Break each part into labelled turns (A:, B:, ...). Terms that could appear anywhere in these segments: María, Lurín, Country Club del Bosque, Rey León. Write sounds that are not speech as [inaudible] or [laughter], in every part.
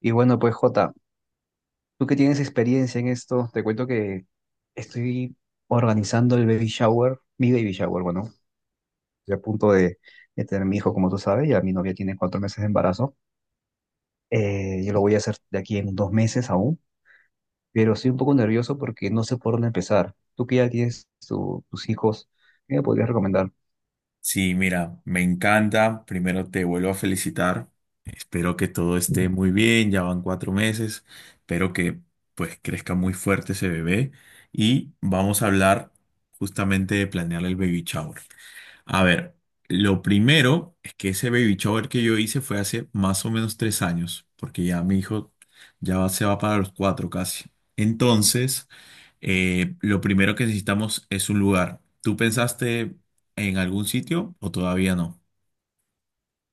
A: Y bueno, pues Jota, tú que tienes experiencia en esto, te cuento que estoy organizando el baby shower, mi baby shower, bueno, estoy a punto de tener mi hijo, como tú sabes, ya mi novia tiene 4 meses de embarazo. Yo lo voy a hacer de aquí en 2 meses aún, pero estoy un poco nervioso porque no sé por dónde empezar. Tú que ya tienes tus hijos, ¿qué me podrías recomendar?
B: Sí, mira, me encanta. Primero te vuelvo a felicitar. Espero que todo esté muy bien. Ya van 4 meses. Espero que pues crezca muy fuerte ese bebé. Y vamos a hablar justamente de planear el baby shower. A ver, lo primero es que ese baby shower que yo hice fue hace más o menos 3 años, porque ya mi hijo se va para los cuatro casi. Entonces lo primero que necesitamos es un lugar. ¿Tú pensaste en algún sitio o todavía no?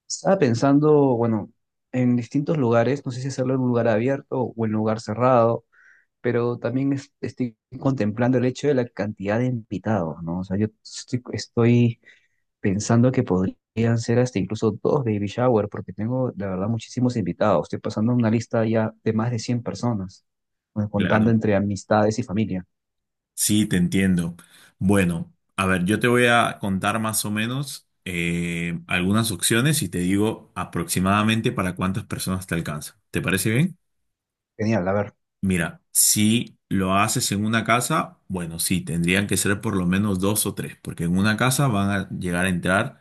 A: Estaba pensando, bueno, en distintos lugares, no sé si hacerlo en un lugar abierto o en un lugar cerrado, pero también estoy contemplando el hecho de la cantidad de invitados, ¿no? O sea, yo estoy pensando que podrían ser hasta incluso dos baby shower, porque tengo, la verdad, muchísimos invitados. Estoy pasando una lista ya de más de 100 personas, bueno, contando
B: Claro.
A: entre amistades y familia.
B: Sí, te entiendo. Bueno, a ver, yo te voy a contar más o menos algunas opciones y te digo aproximadamente para cuántas personas te alcanza. ¿Te parece bien?
A: Genial, a ver.
B: Mira, si lo haces en una casa, bueno, sí, tendrían que ser por lo menos dos o tres, porque en una casa van a llegar a entrar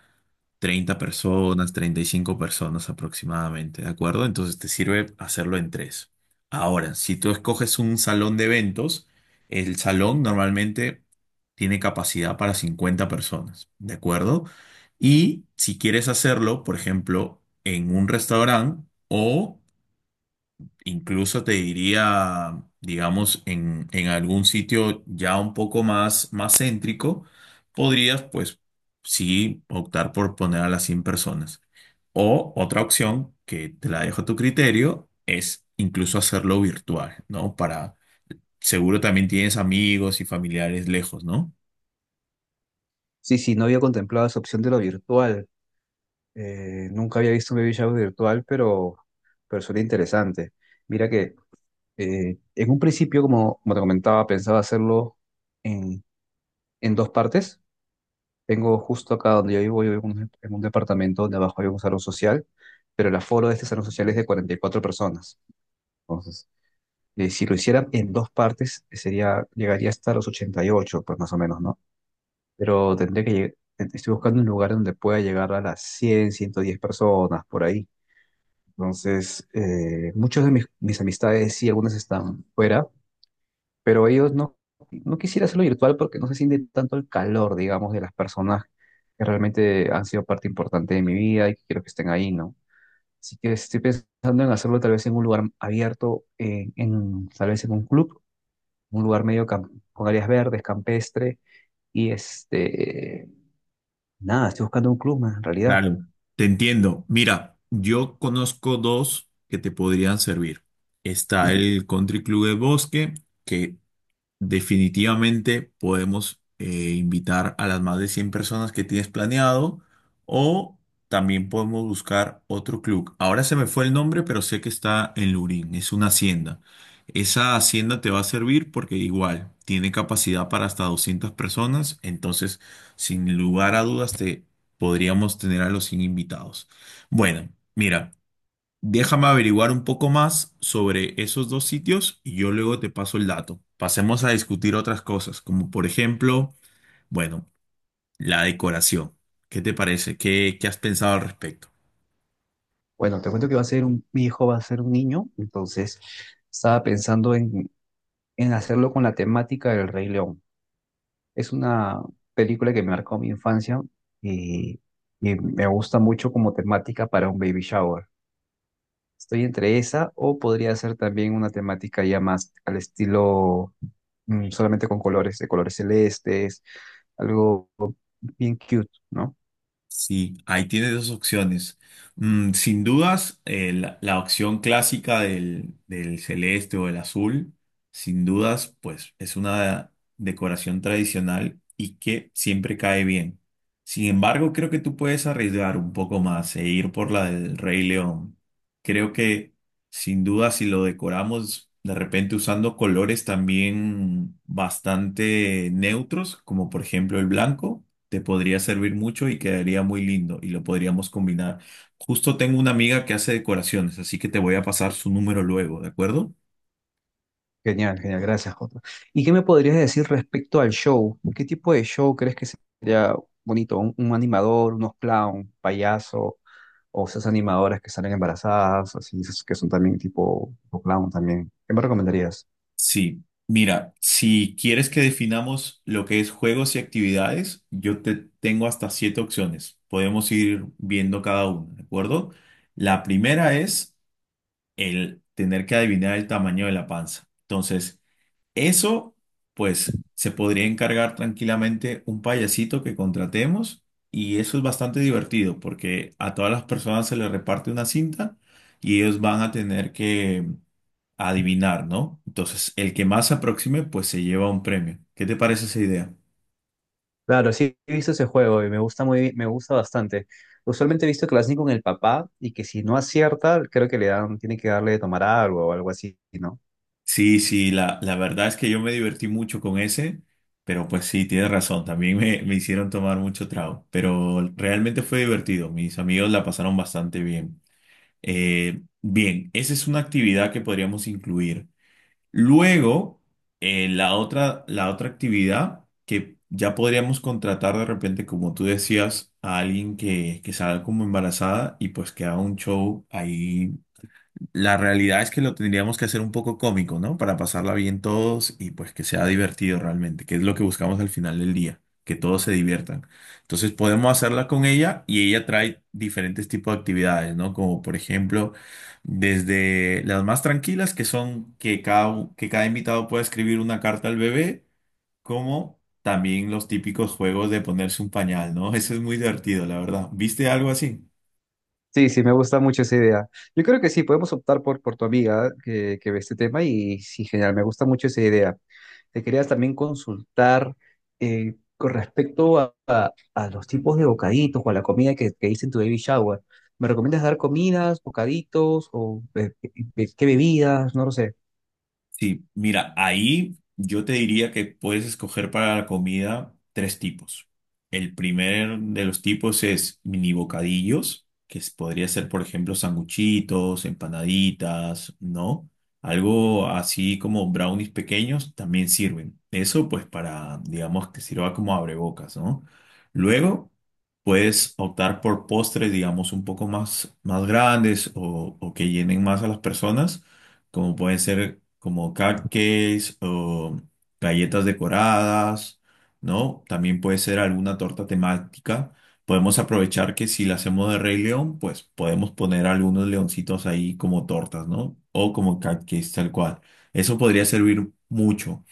B: 30 personas, 35 personas aproximadamente, ¿de acuerdo? Entonces te sirve hacerlo en tres. Ahora, si tú escoges un salón de eventos, el salón normalmente tiene capacidad para 50 personas, ¿de acuerdo? Y si quieres hacerlo, por ejemplo, en un restaurante o incluso te diría, digamos, en algún sitio ya un poco más céntrico, podrías, pues, sí, optar por poner a las 100 personas. O otra opción, que te la dejo a tu criterio, es incluso hacerlo virtual, ¿no? Para, seguro también tienes amigos y familiares lejos, ¿no?
A: Sí, sí, no había contemplado esa opción de lo virtual. Nunca había visto un baby shower virtual, pero suena interesante. Mira que en un principio, como te comentaba, pensaba hacerlo en en dos partes. Tengo justo acá donde yo vivo en un departamento donde abajo hay un salón social, pero el aforo de este salón social es de 44 personas. Entonces, si lo hicieran en dos partes, llegaría hasta los 88 pues más o menos, ¿no? Pero tendría que llegar, estoy buscando un lugar donde pueda llegar a las 100 a 110 personas, por ahí. Entonces, muchos de mis amistades, sí, algunas están fuera, pero ellos no, no quisiera hacerlo virtual porque no se siente tanto el calor, digamos, de las personas que realmente han sido parte importante de mi vida y que quiero que estén ahí, ¿no? Así que estoy pensando en hacerlo tal vez en un lugar abierto, tal vez en un club, un lugar medio con áreas verdes, campestre, y este, nada, estoy buscando un club más en realidad.
B: Claro. Te entiendo. Mira, yo conozco dos que te podrían servir. Está el Country Club del Bosque, que definitivamente podemos invitar a las más de 100 personas que tienes planeado o también podemos buscar otro club. Ahora se me fue el nombre, pero sé que está en Lurín, es una hacienda. Esa hacienda te va a servir porque igual tiene capacidad para hasta 200 personas, entonces sin lugar a dudas te podríamos tener a los 100 invitados. Bueno, mira. Déjame averiguar un poco más sobre esos dos sitios y yo luego te paso el dato. Pasemos a discutir otras cosas, como por ejemplo, bueno, la decoración. ¿Qué te parece? ¿Qué has pensado al respecto?
A: Bueno, te cuento que va a ser un, mi hijo va a ser un niño, entonces estaba pensando en hacerlo con la temática del Rey León. Es una película que me marcó mi infancia y, y me gusta mucho como temática para un baby shower. Estoy entre esa o podría ser también una temática ya más al estilo solamente con colores, de colores celestes, algo bien cute, ¿no?
B: Sí, ahí tienes dos opciones. Sin dudas, la opción clásica del celeste o el azul, sin dudas, pues es una decoración tradicional y que siempre cae bien. Sin embargo, creo que tú puedes arriesgar un poco más e ir por la del Rey León. Creo que sin duda, si lo decoramos de repente usando colores también bastante neutros, como por ejemplo el blanco, te podría servir mucho y quedaría muy lindo y lo podríamos combinar. Justo tengo una amiga que hace decoraciones, así que te voy a pasar su número luego, ¿de acuerdo?
A: Genial, genial, gracias, Jota. ¿Y qué me podrías decir respecto al show? ¿Qué tipo de show crees que sería bonito? ¿Un animador, unos clown, payaso? ¿O esas animadoras que salen embarazadas, así, esas que son también tipo clown también? ¿Qué me recomendarías?
B: Sí, mira, si quieres que definamos lo que es juegos y actividades, yo te tengo hasta siete opciones. Podemos ir viendo cada una, ¿de acuerdo? La primera es el tener que adivinar el tamaño de la panza. Entonces, eso, pues, se podría encargar tranquilamente un payasito que contratemos, y eso es bastante divertido porque a todas las personas se les reparte una cinta y ellos van a tener que adivinar, ¿no? Entonces, el que más se aproxime, pues se lleva un premio. ¿Qué te parece esa idea?
A: Claro, sí he visto ese juego y me gusta bastante. Usualmente he visto que lo hacen con el papá y que si no acierta, creo que le dan, tiene que darle de tomar algo o algo así, ¿no?
B: Sí, sí, la verdad es que yo me divertí mucho con ese, pero pues sí, tienes razón, también me hicieron tomar mucho trago, pero realmente fue divertido, mis amigos la pasaron bastante bien. Bien, esa es una actividad que podríamos incluir. Luego, la otra actividad que ya podríamos contratar de repente, como tú decías, a alguien que salga como embarazada y pues que haga un show ahí. La realidad es que lo tendríamos que hacer un poco cómico, ¿no? Para pasarla bien todos y pues que sea divertido realmente, que es lo que buscamos al final del día, que todos se diviertan. Entonces podemos hacerla con ella y ella trae diferentes tipos de actividades, ¿no? Como por ejemplo, desde las más tranquilas, que son que que cada invitado pueda escribir una carta al bebé, como también los típicos juegos de ponerse un pañal, ¿no? [laughs] Eso es muy divertido, la verdad. ¿Viste algo así?
A: Sí, sí, me gusta mucho esa idea. Yo creo que sí, podemos optar por tu amiga que ve este tema y sí, genial, me gusta mucho esa idea. Te quería también consultar con respecto a los tipos de bocaditos o a la comida que hice en tu baby shower. ¿Me recomiendas dar comidas, bocaditos o qué bebidas? No lo sé.
B: Sí, mira, ahí yo te diría que puedes escoger para la comida tres tipos. El primer de los tipos es mini bocadillos, podría ser, por ejemplo, sanguchitos, empanaditas, ¿no? Algo así como brownies pequeños también sirven. Eso pues para, digamos, que sirva como abrebocas, ¿no? Luego puedes optar por postres, digamos, un poco más grandes o que llenen más a las personas, como pueden ser como cupcakes o galletas decoradas, ¿no? También puede ser alguna torta temática. Podemos aprovechar que si la hacemos de Rey León, pues podemos poner algunos leoncitos ahí como tortas, ¿no? O como cupcakes tal cual. Eso podría servir mucho.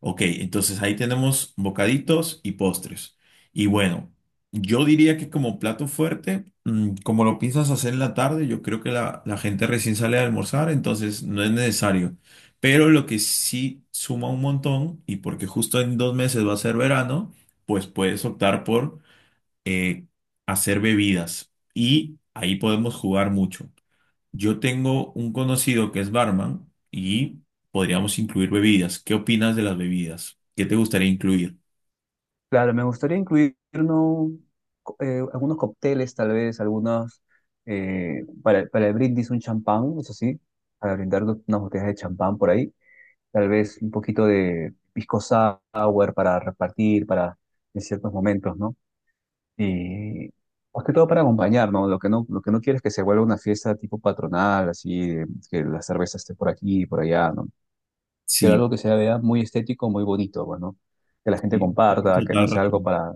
B: Ok, entonces ahí tenemos bocaditos y postres. Y bueno, yo diría que como plato fuerte, como lo piensas hacer en la tarde, yo creo que la gente recién sale a almorzar, entonces no es necesario. Pero lo que sí suma un montón, y porque justo en 2 meses va a ser verano, pues puedes optar por eh, hacer bebidas. Y ahí podemos jugar mucho. Yo tengo un conocido que es barman y podríamos incluir bebidas. ¿Qué opinas de las bebidas? ¿Qué te gustaría incluir?
A: Claro, me gustaría incluir algunos cócteles, tal vez, algunos para el brindis, un champán, eso sí, para brindar unas botellas de champán por ahí. Tal vez un poquito de pisco sour para repartir para en ciertos momentos, ¿no? Y más que todo para acompañar, ¿no? Lo que no quiero es que se vuelva una fiesta tipo patronal, así, de que la cerveza esté por aquí y por allá, ¿no? Quiero
B: Sí,
A: algo que se vea muy estético, muy bonito, bueno, que la gente
B: sí, tienes
A: comparta, que no
B: total
A: sea algo
B: razón.
A: para,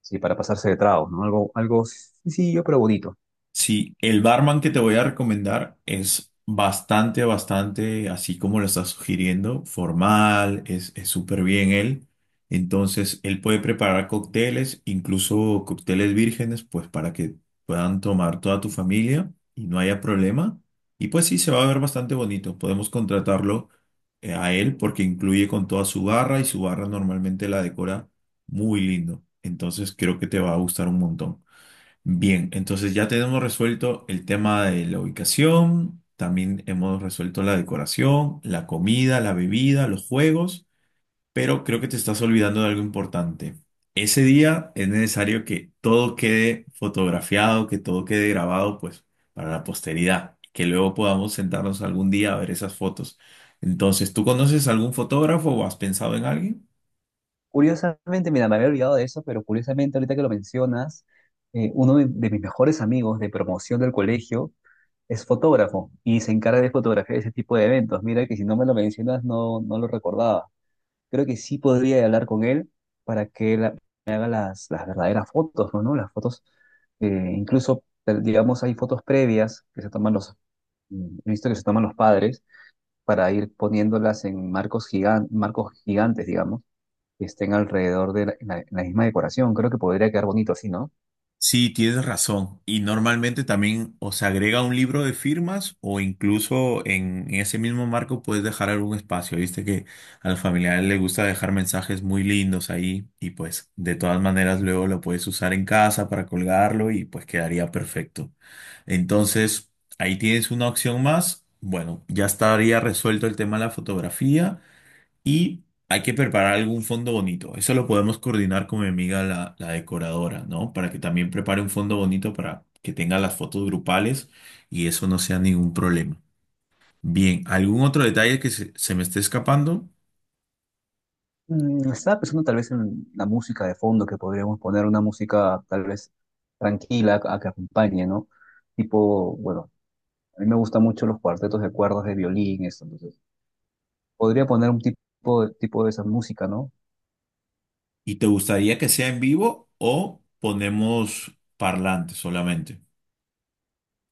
A: sí, para pasarse de tragos, ¿no? Algo, algo sencillo, pero bonito.
B: Sí, el barman que te voy a recomendar es bastante, bastante, así como lo estás sugiriendo, formal, es súper bien él. Entonces, él puede preparar cócteles, incluso cócteles vírgenes, pues para que puedan tomar toda tu familia y no haya problema. Y pues sí, se va a ver bastante bonito. Podemos contratarlo a él porque incluye con toda su barra y su barra normalmente la decora muy lindo. Entonces, creo que te va a gustar un montón. Bien, entonces ya tenemos resuelto el tema de la ubicación, también hemos resuelto la decoración, la comida, la bebida, los juegos, pero creo que te estás olvidando de algo importante. Ese día es necesario que todo quede fotografiado, que todo quede grabado, pues, para la posteridad, que luego podamos sentarnos algún día a ver esas fotos. Entonces, ¿tú conoces algún fotógrafo o has pensado en alguien?
A: Curiosamente, mira, me había olvidado de eso, pero curiosamente, ahorita que lo mencionas, uno de mis mejores amigos de promoción del colegio es fotógrafo y se encarga de fotografiar ese tipo de eventos. Mira que si no me lo mencionas, no, no lo recordaba. Creo que sí podría hablar con él para que me haga las verdaderas fotos, ¿no? Las fotos, incluso, digamos, hay fotos previas que se toman los, he visto que se toman los padres para ir poniéndolas en marcos gigantes, digamos, que estén alrededor de la, en la, en la- misma decoración. Creo que podría quedar bonito así, ¿no?
B: Sí, tienes razón. Y normalmente también o se agrega un libro de firmas o incluso en ese mismo marco puedes dejar algún espacio. Viste que a los familiares les gusta dejar mensajes muy lindos ahí y pues de todas maneras luego lo puedes usar en casa para colgarlo y pues quedaría perfecto. Entonces, ahí tienes una opción más. Bueno, ya estaría resuelto el tema de la fotografía. Y hay que preparar algún fondo bonito. Eso lo podemos coordinar con mi amiga la decoradora, ¿no? Para que también prepare un fondo bonito para que tenga las fotos grupales y eso no sea ningún problema. Bien, ¿algún otro detalle que se me esté escapando?
A: Estaba pensando tal vez en la música de fondo, que podríamos poner una música tal vez tranquila a que acompañe, ¿no? Tipo, bueno. A mí me gustan mucho los cuartetos de cuerdas de violín, eso. Entonces, podría poner un tipo de esa música, ¿no?
B: ¿Y te gustaría que sea en vivo o ponemos parlante solamente?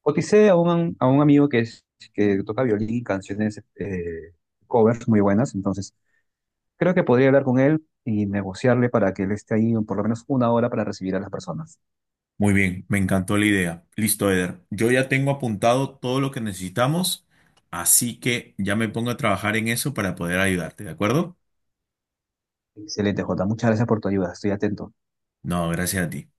A: Coticé a a un amigo que toca violín y canciones, covers muy buenas, entonces creo que podría hablar con él y negociarle para que él esté ahí por lo menos 1 hora para recibir a las personas.
B: Muy bien, me encantó la idea. Listo, Eder. Yo ya tengo apuntado todo lo que necesitamos, así que ya me pongo a trabajar en eso para poder ayudarte, ¿de acuerdo?
A: Excelente, Jota. Muchas gracias por tu ayuda. Estoy atento.
B: No, gracias a ti.